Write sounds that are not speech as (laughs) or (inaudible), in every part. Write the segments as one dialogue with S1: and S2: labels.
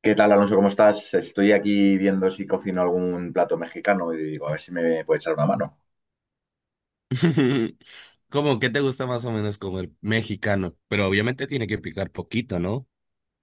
S1: ¿Qué tal, Alonso? ¿Cómo estás? Estoy aquí viendo si cocino algún plato mexicano y digo, a ver si me puede echar una mano.
S2: (laughs) ¿Cómo que te gusta más o menos como el mexicano? Pero obviamente tiene que picar poquito, ¿no?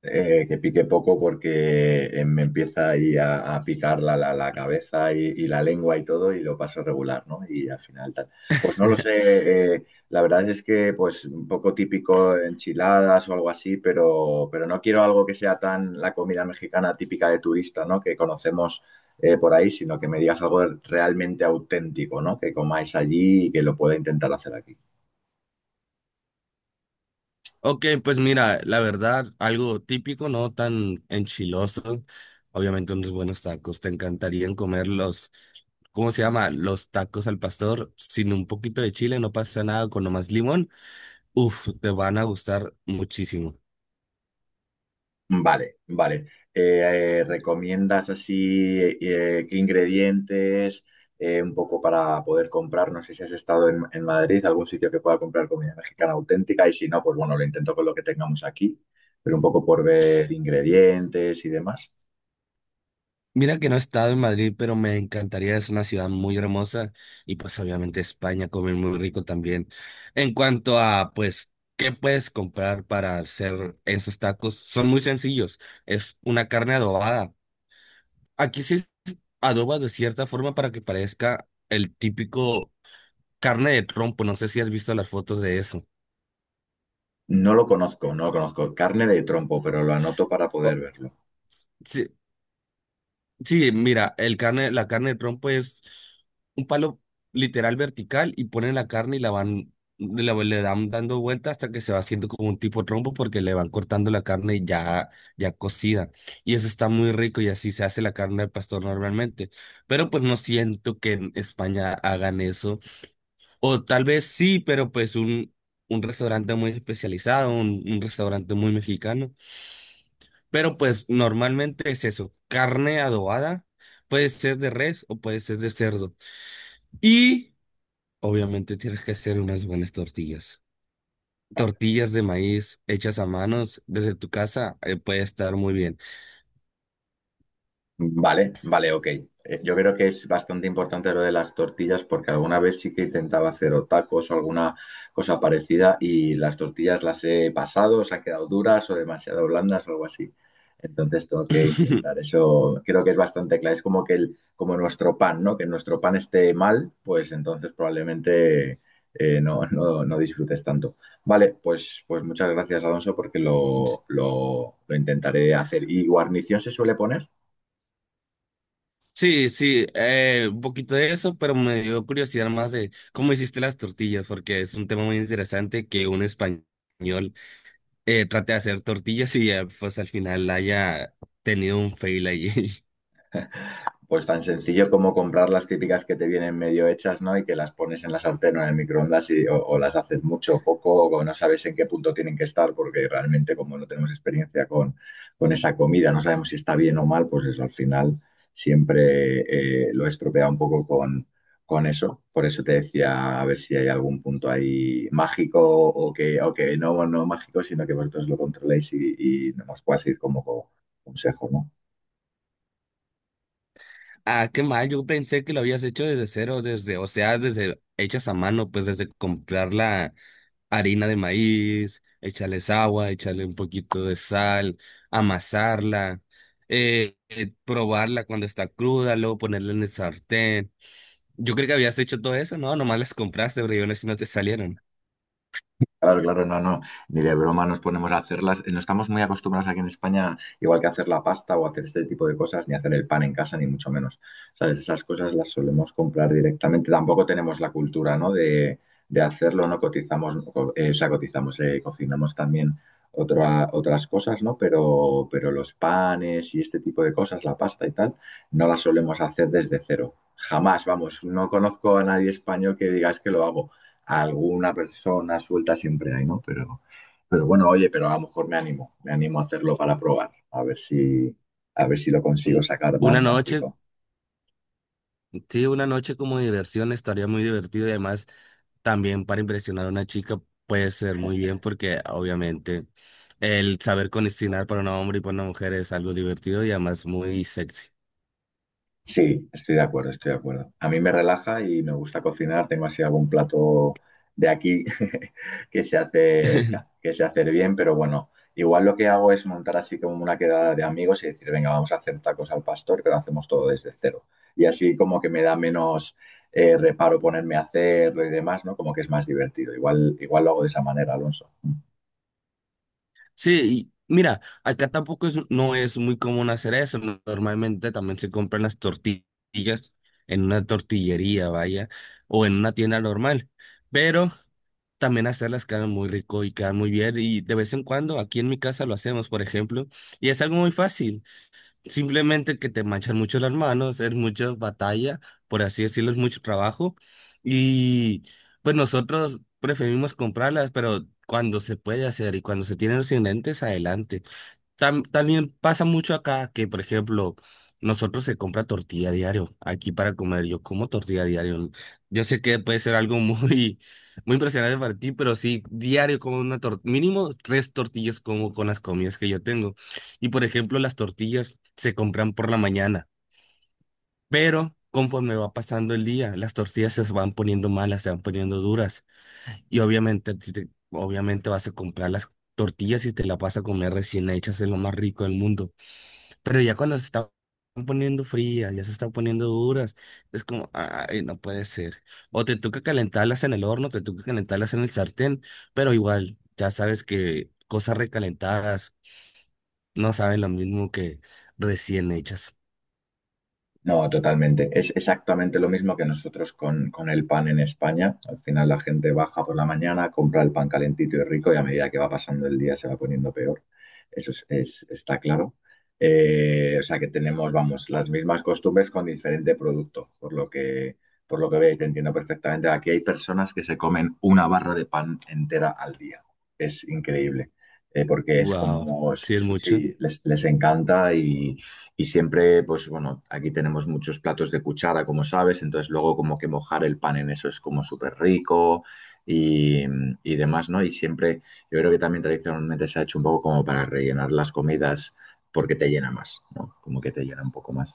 S1: Que pique poco porque me empieza ahí a picar la cabeza y la lengua y todo y lo paso regular, ¿no? Y al final tal. Pues no lo sé,
S2: (laughs)
S1: la verdad es que pues un poco típico enchiladas o algo así, pero no quiero algo que sea tan la comida mexicana típica de turista, ¿no? Que conocemos por ahí, sino que me digas algo realmente auténtico, ¿no? Que comáis allí y que lo pueda intentar hacer aquí.
S2: Ok, pues mira, la verdad, algo típico, no tan enchiloso. Obviamente unos buenos tacos. Te encantarían comer los, ¿cómo se llama? Los tacos al pastor. Sin un poquito de chile no pasa nada, con nomás limón. Uf, te van a gustar muchísimo.
S1: Vale, vale. ¿Recomiendas así qué ingredientes un poco para poder comprar? No sé si has estado en Madrid, algún sitio que pueda comprar comida mexicana auténtica y si no, pues bueno, lo intento con lo que tengamos aquí, pero un poco por ver ingredientes y demás.
S2: Mira que no he estado en Madrid, pero me encantaría, es una ciudad muy hermosa y pues obviamente España come muy rico también. En cuanto a pues, ¿qué puedes comprar para hacer esos tacos? Son muy sencillos, es una carne adobada. Aquí se adoba de cierta forma para que parezca el típico carne de trompo, no sé si has visto las fotos de eso.
S1: No lo conozco, no lo conozco. Carne de trompo, pero lo anoto para poder
S2: Oh,
S1: verlo.
S2: sí, sí, mira, el carne, la carne de trompo es un palo literal vertical y ponen la carne y la van, le dan dando vuelta hasta que se va haciendo como un tipo trompo porque le van cortando la carne ya, ya cocida. Y eso está muy rico y así se hace la carne de pastor normalmente. Pero pues no siento que en España hagan eso. O tal vez sí, pero pues un restaurante muy especializado, un restaurante muy mexicano. Pero pues normalmente es eso, carne adobada, puede ser de res o puede ser de cerdo. Y obviamente tienes que hacer unas buenas tortillas. Tortillas de maíz hechas a manos desde tu casa, puede estar muy bien.
S1: Vale, vale, ok. Yo creo que es bastante importante lo de las tortillas porque alguna vez sí que intentaba hacer o tacos o alguna cosa parecida y las tortillas las he pasado, se han quedado duras o demasiado blandas o algo así. Entonces tengo que intentar
S2: (laughs)
S1: eso. Creo que es bastante claro. Es como que el, como nuestro pan, ¿no? Que nuestro pan esté mal, pues entonces probablemente no disfrutes tanto. Vale, pues, pues muchas gracias, Alonso, porque lo intentaré hacer. ¿Y guarnición se suele poner?
S2: Sí, sí, un poquito de eso, pero me dio curiosidad más de cómo hiciste las tortillas, porque es un tema muy interesante que un español trate de hacer tortillas y pues al final haya tenido un fail ahí. (laughs)
S1: Pues tan sencillo como comprar las típicas que te vienen medio hechas, ¿no? Y que las pones en la sartén o en el microondas y, o las haces mucho o poco, o no sabes en qué punto tienen que estar, porque realmente como no tenemos experiencia con esa comida, no sabemos si está bien o mal, pues eso al final siempre lo estropea un poco con eso. Por eso te decía a ver si hay algún punto ahí mágico o que no, no mágico, sino que vosotros lo controléis y nos puedas ir como consejo, ¿no?
S2: Ah, qué mal, yo pensé que lo habías hecho desde cero, desde, o sea, desde hechas a mano, pues desde comprar la harina de maíz, echarles agua, echarle un poquito de sal, amasarla, probarla cuando está cruda, luego ponerla en el sartén. Yo creo que habías hecho todo eso, ¿no? Nomás las compraste, pero yo no sé si no te salieron.
S1: Claro, claro, no, no, ni de broma nos ponemos a hacerlas. No estamos muy acostumbrados aquí en España, igual que hacer la pasta o hacer este tipo de cosas, ni hacer el pan en casa, ni mucho menos. ¿Sabes? Esas cosas las solemos comprar directamente. Tampoco tenemos la cultura, ¿no? De hacerlo, ¿no? Cotizamos, o sea, cotizamos, cocinamos también otras cosas, ¿no? Pero los panes y este tipo de cosas, la pasta y tal, no las solemos hacer desde cero. Jamás, vamos, no conozco a nadie español que diga es que lo hago alguna persona suelta siempre hay, ¿no? Pero bueno, oye, pero a lo mejor me animo a hacerlo para probar, a ver si lo consigo
S2: U-
S1: sacar
S2: Una
S1: más, más
S2: noche
S1: rico.
S2: sí, una noche como de diversión estaría muy divertido y además también para impresionar a una chica puede ser muy bien porque obviamente el saber condicionar para un hombre y para una mujer es algo divertido y además muy sexy.
S1: Sí, estoy de acuerdo, estoy de acuerdo. A mí me relaja y me gusta cocinar. Tengo así algún plato de aquí (laughs) que se hace,
S2: (laughs)
S1: que se hace bien, pero bueno, igual lo que hago es montar así como una quedada de amigos y decir, venga, vamos a hacer tacos al pastor, pero hacemos todo desde cero. Y así como que me da menos reparo ponerme a hacerlo y demás, ¿no? Como que es más divertido. Igual, igual lo hago de esa manera, Alonso.
S2: Sí, y mira, acá tampoco es, no es muy común hacer eso. Normalmente también se compran las tortillas en una tortillería, vaya, o en una tienda normal. Pero también hacerlas quedan muy rico y quedan muy bien y de vez en cuando aquí en mi casa lo hacemos, por ejemplo, y es algo muy fácil, simplemente que te manchan mucho las manos, es mucha batalla, por así decirlo, es mucho trabajo y pues nosotros preferimos comprarlas, pero cuando se puede hacer y cuando se tienen los ingredientes, adelante. También pasa mucho acá que, por ejemplo, nosotros se compra tortilla diario aquí para comer. Yo como tortilla diario. Yo sé que puede ser algo (laughs) muy impresionante para ti, pero sí, diario como una tortilla, mínimo tres tortillas como con las comidas que yo tengo. Y, por ejemplo, las tortillas se compran por la mañana, pero conforme va pasando el día, las tortillas se van poniendo malas, se van poniendo duras. Y obviamente, si te- obviamente vas a comprar las tortillas y te la vas a comer recién hechas, es lo más rico del mundo. Pero ya cuando se están poniendo frías, ya se están poniendo duras, es como, ay, no puede ser. O te toca calentarlas en el horno, te toca calentarlas en el sartén, pero igual, ya sabes que cosas recalentadas no saben lo mismo que recién hechas.
S1: No, totalmente. Es exactamente lo mismo que nosotros con el pan en España. Al final la gente baja por la mañana, compra el pan calentito y rico y a medida que va pasando el día se va poniendo peor. Eso es, está claro. O sea que tenemos, vamos, las mismas costumbres con diferente producto, por lo que veis, te entiendo perfectamente. Aquí hay personas que se comen una barra de pan entera al día. Es increíble. Porque es
S2: Wow,
S1: como,
S2: sí es mucho.
S1: sí, les encanta y... Y siempre, pues bueno, aquí tenemos muchos platos de cuchara, como sabes, entonces luego como que mojar el pan en eso es como súper rico y, y demás, ¿no? Y siempre, yo creo que también tradicionalmente se ha hecho un poco como para rellenar las comidas porque te llena más, ¿no? Como que te llena un poco más.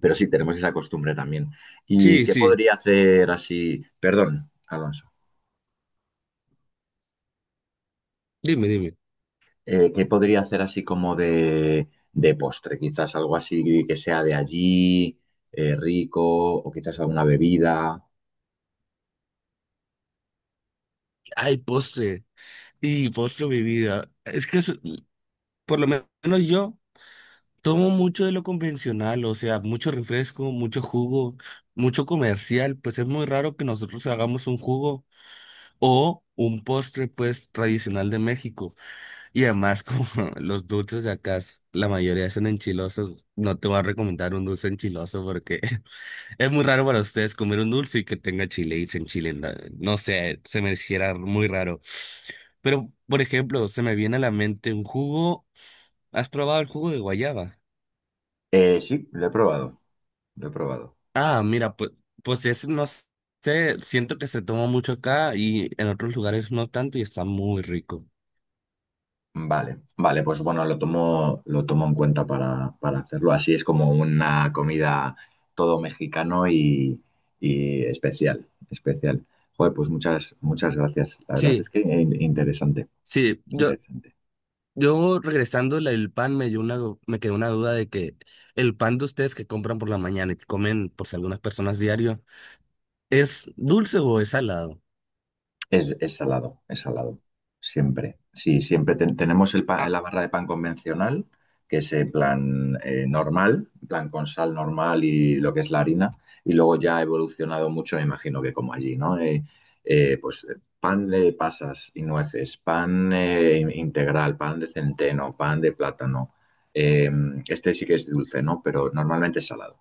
S1: Pero sí, tenemos esa costumbre también. ¿Y
S2: Sí,
S1: qué
S2: sí,
S1: podría hacer así? Perdón, Alonso.
S2: dime, dime.
S1: ¿Qué podría hacer así como de postre? Quizás algo así que sea de allí, rico, o quizás alguna bebida.
S2: Ay, postre. Y postre, mi vida. Por lo menos yo. Tomo mucho de lo convencional, o sea, mucho refresco, mucho jugo, mucho comercial, pues es muy raro que nosotros hagamos un jugo o un postre, pues, tradicional de México. Y además, (laughs) como los dulces de acá, la mayoría son enchilosos, no te voy a recomendar un dulce enchiloso porque (laughs) es muy raro para ustedes comer un dulce y que tenga chile y se enchilen. No No sé, se me hiciera muy raro. Pero, por ejemplo, se me viene a la mente un jugo. ¿Has probado el jugo de guayaba?
S1: Sí, lo he probado, lo he probado.
S2: Ah, mira, pues, pues es, no sé, siento que se toma mucho acá y en otros lugares no tanto y está muy rico.
S1: Vale, vale, pues bueno, lo tomo en cuenta para hacerlo. Así es como una comida todo mexicano y especial, especial. Joder, pues muchas, muchas gracias. La verdad es
S2: Sí,
S1: que interesante,
S2: sí, yo,
S1: interesante.
S2: yo regresando el pan me dio una, me quedó una duda de que el pan de ustedes que compran por la mañana y que comen por si algunas personas diario, ¿es dulce o es salado?
S1: Es salado, es salado. Siempre. Sí, siempre tenemos el
S2: Ah,
S1: la barra de pan convencional, que es en plan normal, en plan con sal normal y lo que es la harina. Y luego ya ha evolucionado mucho, me imagino que como allí, ¿no? Pues pan de pasas y nueces, pan integral, pan de centeno, pan de plátano. Eh, este sí que es dulce, ¿no? Pero normalmente es salado.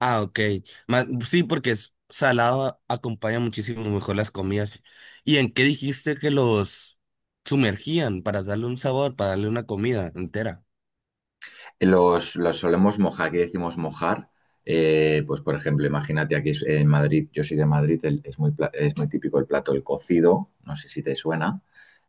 S2: ok. Sí, porque es salado acompaña muchísimo mejor las comidas. ¿Y en qué dijiste que los sumergían para darle un sabor, para darle una comida entera?
S1: Los solemos mojar, aquí decimos mojar. Pues, por ejemplo, imagínate aquí en Madrid, yo soy de Madrid, es muy, es muy típico el plato el cocido, no sé si te suena.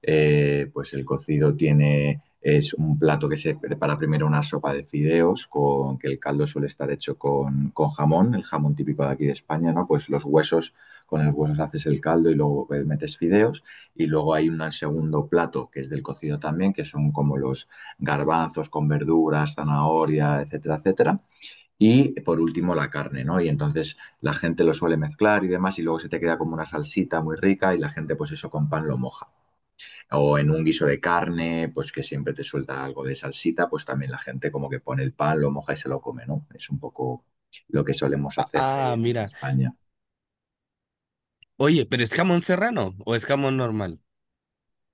S1: Pues el cocido tiene, es un plato que se prepara primero una sopa de fideos, con, que el caldo suele estar hecho con jamón, el jamón típico de aquí de España, ¿no? Pues los huesos, con los huesos haces el caldo y luego metes fideos. Y luego hay un segundo plato que es del cocido también, que son como los garbanzos con verduras, zanahoria, etcétera, etcétera. Y por último la carne, ¿no? Y entonces la gente lo suele mezclar y demás y luego se te queda como una salsita muy rica y la gente pues eso con pan lo moja. O en un guiso de carne, pues que siempre te suelta algo de salsita, pues también la gente como que pone el pan, lo moja y se lo come, ¿no? Es un poco lo que solemos hacer
S2: Ah,
S1: en
S2: mira.
S1: España.
S2: Oye, pero ¿es jamón serrano o es jamón normal?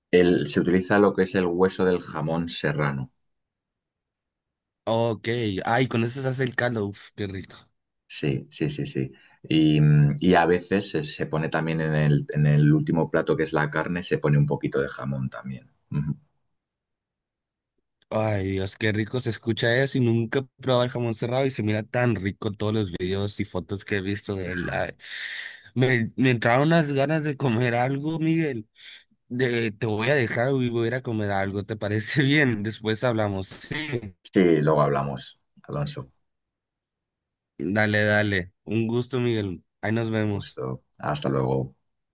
S1: Se utiliza lo que es el hueso del jamón serrano.
S2: Ok. Ay, con eso se hace el caldo. Uf, qué rico.
S1: Sí, sí, sí, sí. Y, mm, y a veces se, se pone también en el último plato que es la carne, se pone un poquito de jamón también. Ujú.
S2: Ay, Dios, qué rico se escucha eso y nunca he probado el jamón serrano y se mira tan rico todos los videos y fotos que he visto de él. Ay, me entraron unas ganas de comer algo, Miguel. De, te voy a dejar y voy a ir a comer algo. ¿Te parece (laughs) bien? Después hablamos. Sí.
S1: Sí, luego hablamos, Alonso.
S2: Dale, dale. Un gusto, Miguel. Ahí nos vemos.
S1: Gusto. Hasta luego.